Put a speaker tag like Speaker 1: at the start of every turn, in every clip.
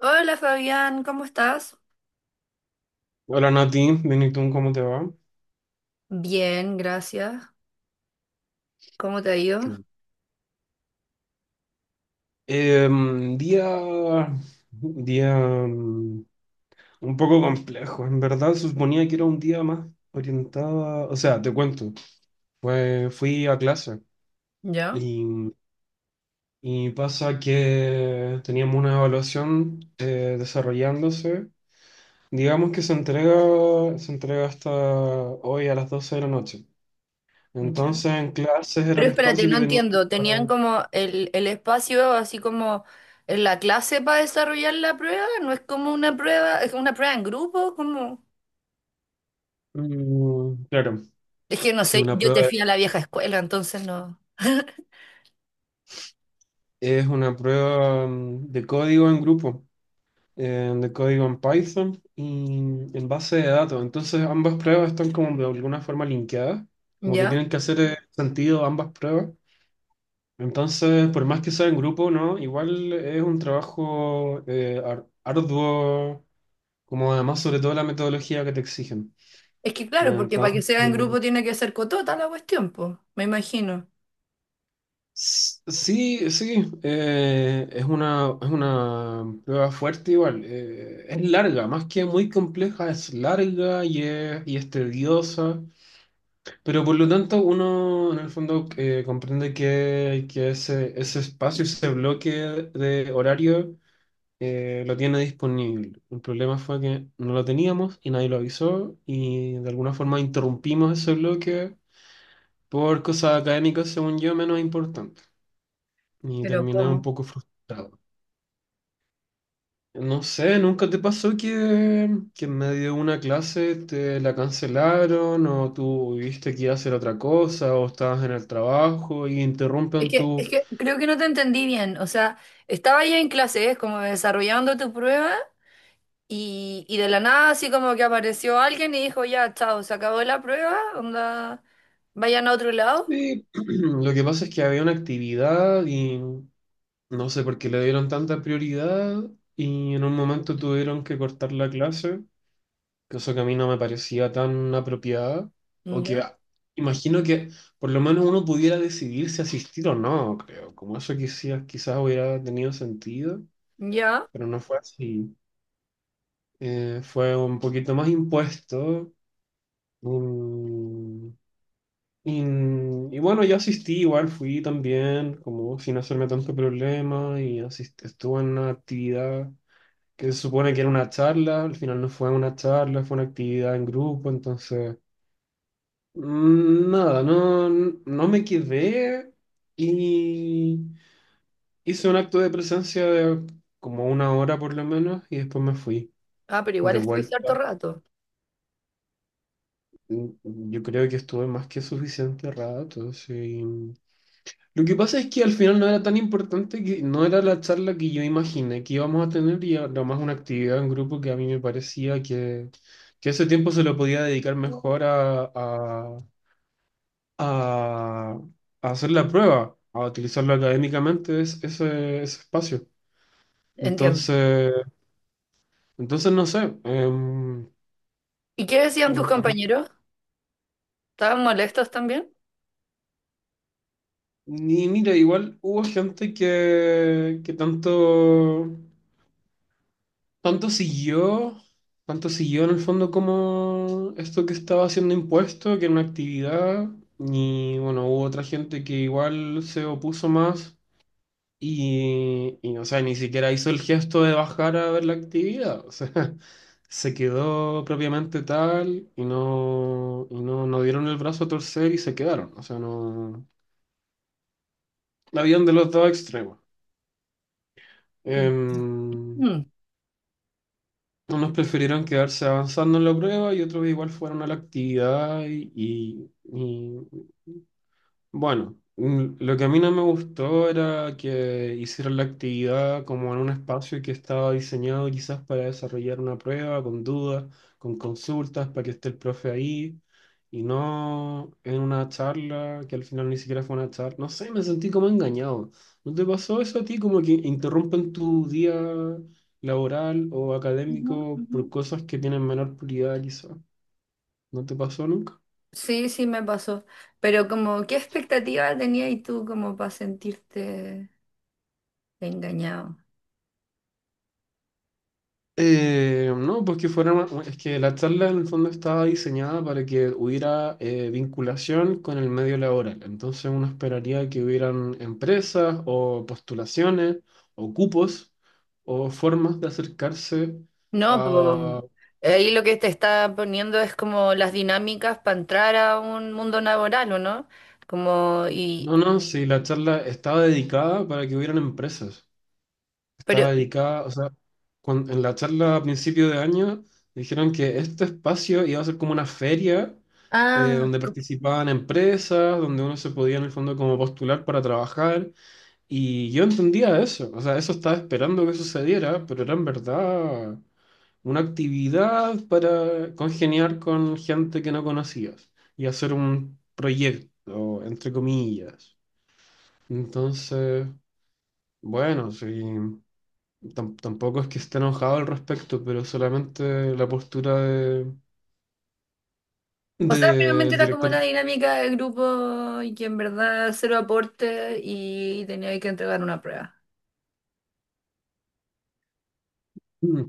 Speaker 1: Hola Fabián, ¿cómo estás?
Speaker 2: Hola Nati, Benetton, ¿cómo te va?
Speaker 1: Bien, gracias. ¿Cómo te ha ido?
Speaker 2: Qué bu- Em, día, día mm, un poco complejo, en verdad suponía que era un día más o sea, te cuento, fui a clase
Speaker 1: ¿Ya?
Speaker 2: y, y pasa que teníamos una evaluación desarrollándose. Digamos que se entrega hasta hoy a las 12 de la noche,
Speaker 1: ¿Ya?
Speaker 2: entonces en clases era
Speaker 1: Pero
Speaker 2: el
Speaker 1: espérate,
Speaker 2: espacio
Speaker 1: no
Speaker 2: que teníamos
Speaker 1: entiendo. ¿Tenían
Speaker 2: para...
Speaker 1: como el espacio así como en la clase para desarrollar la prueba? ¿No es como una prueba, es una prueba en grupo? ¿Cómo?
Speaker 2: Mm, claro.
Speaker 1: Es que no
Speaker 2: Sí,
Speaker 1: sé,
Speaker 2: una
Speaker 1: yo
Speaker 2: prueba
Speaker 1: te fui a la vieja escuela, entonces no.
Speaker 2: es una prueba, de código en grupo, de código en Python y en base de datos. Entonces ambas pruebas están como de alguna forma linkeadas, como que
Speaker 1: ¿Ya?
Speaker 2: tienen que hacer sentido ambas pruebas. Entonces, por más que sea en grupo, ¿no? Igual es un trabajo arduo, como además sobre todo la metodología que te exigen.
Speaker 1: Es que claro, porque para que
Speaker 2: Entonces,
Speaker 1: sea en grupo tiene que ser cotota la cuestión, pues, me imagino.
Speaker 2: Sí, sí, es una prueba fuerte igual. Es larga, más que muy compleja, es larga y es tediosa, pero por lo tanto uno en el fondo comprende que ese espacio, ese bloque de horario lo tiene disponible. El problema fue que no lo teníamos y nadie lo avisó, y de alguna forma interrumpimos ese bloque por cosas académicas, según yo, menos importantes, y
Speaker 1: Pero
Speaker 2: terminé un
Speaker 1: ¿cómo?
Speaker 2: poco frustrado. No sé, ¿nunca te pasó que en medio de una clase te la cancelaron, o tú viste que ibas a hacer otra cosa, o estabas en el trabajo y
Speaker 1: Es
Speaker 2: interrumpen
Speaker 1: que, es
Speaker 2: tu...
Speaker 1: que creo que no te entendí bien. O sea, estaba ya en clase, ¿eh? Como desarrollando tu prueba. Y de la nada así como que apareció alguien y dijo, ya, chao, se acabó la prueba, onda, vayan a otro lado.
Speaker 2: Sí, lo que pasa es que había una actividad y no sé por qué le dieron tanta prioridad, y en un momento tuvieron que cortar la clase, cosa que a mí no me parecía tan apropiada, o que
Speaker 1: Ya.
Speaker 2: imagino que por lo menos uno pudiera decidir si asistir o no, creo, como eso quizás, quizás hubiera tenido sentido,
Speaker 1: Ya.
Speaker 2: pero no fue así. Fue un poquito más impuesto. mm, y, y bueno, yo asistí, igual fui también, como sin hacerme tanto problema, y estuve en una actividad que se supone que era una charla, al final no fue una charla, fue una actividad en grupo, entonces... Nada, no, no me quedé y hice un acto de presencia de como una hora por lo menos, y después me fui
Speaker 1: Ah, pero igual
Speaker 2: de
Speaker 1: estuviste harto
Speaker 2: vuelta.
Speaker 1: rato.
Speaker 2: Mm, Yo creo que estuve más que suficiente rato, sí. Lo que pasa es que al final no era tan importante, que no era la charla que yo imaginé que íbamos a tener, y era más una actividad en grupo que a mí me parecía que ese tiempo se lo podía dedicar mejor a a, a hacer la prueba, a utilizarlo académicamente ese espacio.
Speaker 1: Entiendo.
Speaker 2: Entonces, no sé. Em,
Speaker 1: ¿Y qué decían tus
Speaker 2: a mí,
Speaker 1: compañeros? ¿Estaban molestos también?
Speaker 2: ni, mira, igual hubo gente que, que tanto, tanto siguió, tanto siguió en el fondo como esto que estaba haciendo impuesto, que era una actividad. Y bueno, hubo otra gente que igual se opuso más. Y no sé, ni siquiera hizo el gesto de bajar a ver la actividad. O sea, se quedó propiamente tal y no, no dieron el brazo a torcer y se quedaron. O sea, no. Habían de los dos extremos. Em,
Speaker 1: Mm.
Speaker 2: Unos prefirieron quedarse avanzando en la prueba y otros igual fueron a la actividad, y, bueno, lo que a mí no me gustó era que hicieran la actividad como en un espacio que estaba diseñado quizás para desarrollar una prueba, con dudas, con consultas, para que esté el profe ahí, y no en una charla que al final ni siquiera fue una charla. No sé, me sentí como engañado. ¿No te pasó eso a ti? Como que interrumpen tu día laboral o
Speaker 1: Ujú,
Speaker 2: académico
Speaker 1: ujú.
Speaker 2: por cosas que tienen menor prioridad, quizás. ¿No te pasó nunca?
Speaker 1: Sí, sí, me pasó. Pero como, ¿qué expectativa tenías tú como para sentirte engañado?
Speaker 2: No, pues que fuera, es que la charla en el fondo estaba diseñada para que hubiera vinculación con el medio laboral. Entonces uno esperaría que hubieran empresas, o postulaciones, o cupos, o formas de acercarse
Speaker 1: No, pues
Speaker 2: a...
Speaker 1: ahí lo que te está poniendo es como las dinámicas para entrar a un mundo laboral, ¿o no? Como, y,
Speaker 2: No, no, sí, la charla estaba dedicada para que hubieran empresas.
Speaker 1: pero,
Speaker 2: Estaba
Speaker 1: y-
Speaker 2: dedicada, o sea, en la charla a principio de año dijeron que este espacio iba a ser como una feria,
Speaker 1: ah,
Speaker 2: donde participaban empresas, donde uno se podía en el fondo como postular para trabajar, y yo entendía eso, o sea, eso estaba esperando que sucediera, pero era en verdad una actividad para congeniar con gente que no conocías y hacer un proyecto, entre comillas. Entonces, bueno, sí, tampoco es que esté enojado al respecto, pero solamente la postura de,
Speaker 1: o sea, realmente
Speaker 2: del
Speaker 1: era como
Speaker 2: director.
Speaker 1: una dinámica de grupo y que en verdad cero aporte y tenía que entregar una prueba.
Speaker 2: Mm,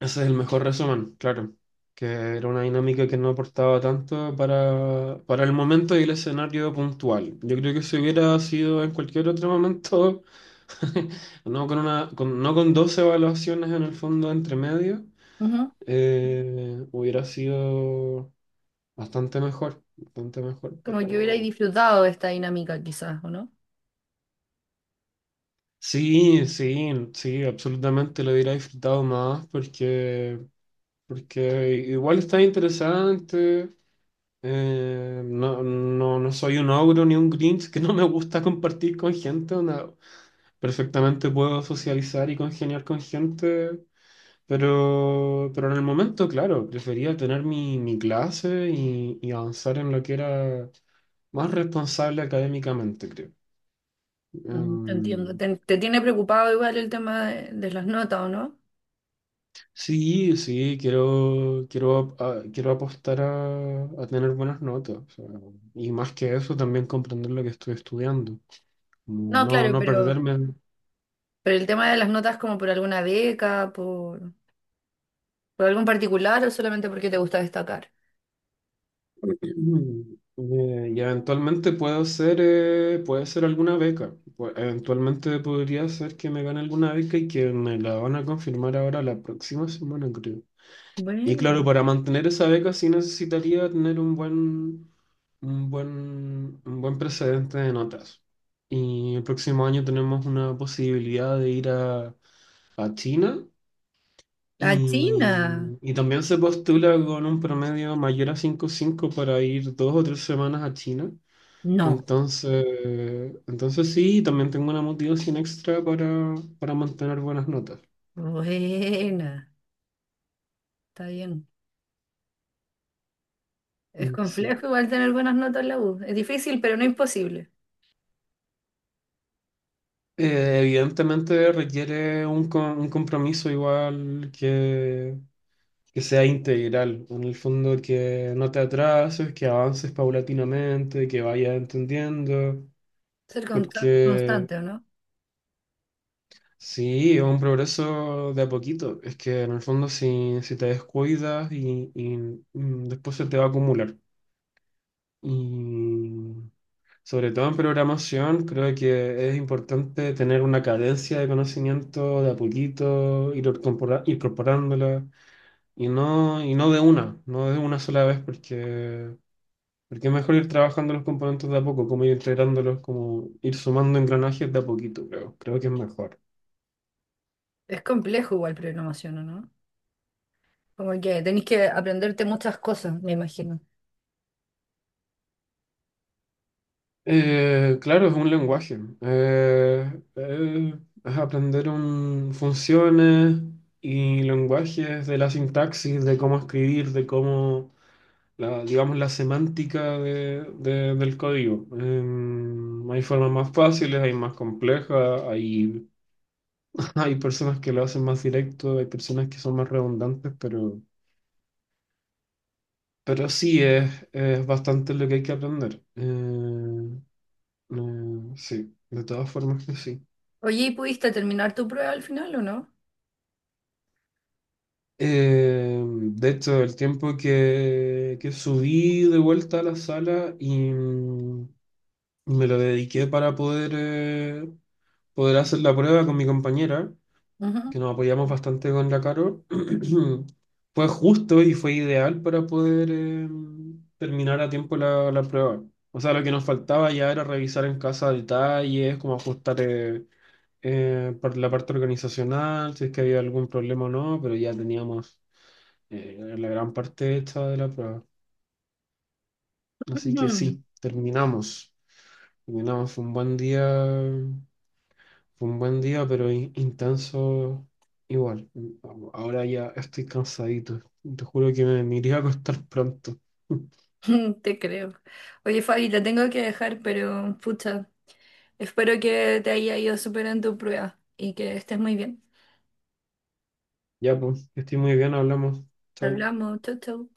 Speaker 2: Ese es el mejor resumen, claro. Que era una dinámica que no aportaba tanto para el momento y el escenario puntual. Yo creo que si hubiera sido en cualquier otro momento, no con una, no con dos evaluaciones en el fondo entre medio,
Speaker 1: Ujú.
Speaker 2: hubiera sido bastante mejor,
Speaker 1: Como que hubiera
Speaker 2: pero.
Speaker 1: disfrutado de esta dinámica quizás, ¿o no?
Speaker 2: Sí, sí, sí, absolutamente lo hubiera disfrutado más, porque igual está interesante. No, no, no soy un ogro ni un Grinch, que no me gusta compartir con gente. Onda, perfectamente puedo socializar y congeniar con gente, pero en el momento, claro, prefería tener mi clase y avanzar en lo que era más responsable académicamente, creo.
Speaker 1: Mm. Te entiendo.
Speaker 2: Em,
Speaker 1: ¿Te, te tiene preocupado igual el tema de las notas, ¿o no?
Speaker 2: Sí, sí, quiero apostar a tener buenas notas. O sea, y más que eso, también comprender lo que estoy estudiando. Como
Speaker 1: No,
Speaker 2: no,
Speaker 1: claro,
Speaker 2: no perderme.
Speaker 1: pero el tema de las notas como por alguna beca, por... ¿Por algo en particular o solamente porque te gusta destacar?
Speaker 2: Eventualmente puede ser alguna beca. Eventualmente podría ser que me gane alguna beca, y que me la van a confirmar ahora la próxima semana, creo. Y
Speaker 1: Buena.
Speaker 2: claro, para mantener esa beca sí necesitaría tener un buen, un buen precedente de notas. Y el próximo año tenemos una posibilidad de ir a, China,
Speaker 1: La China.
Speaker 2: y también se postula con un promedio mayor a 5,5 para ir 2 o 3 semanas a China.
Speaker 1: No.
Speaker 2: Entonces, sí, también tengo una motivación extra para mantener buenas notas.
Speaker 1: Buena. Está bien. Es
Speaker 2: Sí.
Speaker 1: complejo igual tener buenas notas en la U. Es difícil, pero no imposible.
Speaker 2: Evidentemente requiere un compromiso igual que sea integral, en el fondo que no te atrases, que avances paulatinamente, que vayas entendiendo,
Speaker 1: Ser consta-
Speaker 2: porque
Speaker 1: constante, ¿o no?
Speaker 2: sí, es un progreso de a poquito, es que en el fondo si te descuidas después se te va a acumular. Y, Sobre todo en programación, creo que es importante tener una cadencia de conocimiento de a poquito, ir incorporándola, y no, de una, no de una sola vez, porque es mejor ir trabajando los componentes de a poco, como ir integrándolos, como ir sumando engranajes de a poquito, creo, que es mejor.
Speaker 1: Es complejo igual programación, ¿o no? Como que tenés que aprenderte muchas cosas, me imagino.
Speaker 2: Claro, es un lenguaje. Es aprender un, funciones y lenguajes, de la sintaxis, de cómo escribir, de cómo la, digamos, la semántica del código. Hay formas más fáciles, hay más complejas, hay, hay personas que lo hacen más directo, hay personas que son más redundantes, pero sí es bastante lo que hay que aprender. Sí, de todas formas que sí.
Speaker 1: Oye, ¿y pudiste terminar tu prueba al final o no?
Speaker 2: De hecho, el tiempo que subí de vuelta a la sala me lo dediqué para poder hacer la prueba con mi compañera.
Speaker 1: Ujú.
Speaker 2: Que nos apoyamos bastante con la Carol. Fue justo y fue ideal para poder terminar a tiempo la prueba. O sea, lo que nos faltaba ya era revisar en casa detalles, como ajustar la parte organizacional, si es que había algún problema o no, pero ya teníamos la gran parte hecha de la prueba. Así que
Speaker 1: Ujú.
Speaker 2: sí, terminamos. Terminamos, fue un buen día. Fue un buen día, pero intenso, igual. Ahora ya estoy cansadito. Te juro que me iría a acostar pronto.
Speaker 1: Te creo. Oye, Fabi, te tengo que dejar, pero pucha, espero que te haya ido súper en tu prueba y que estés muy bien.
Speaker 2: Ya, pues, que estoy muy bien, hablamos. Chau.
Speaker 1: Hablamos, chau, chau.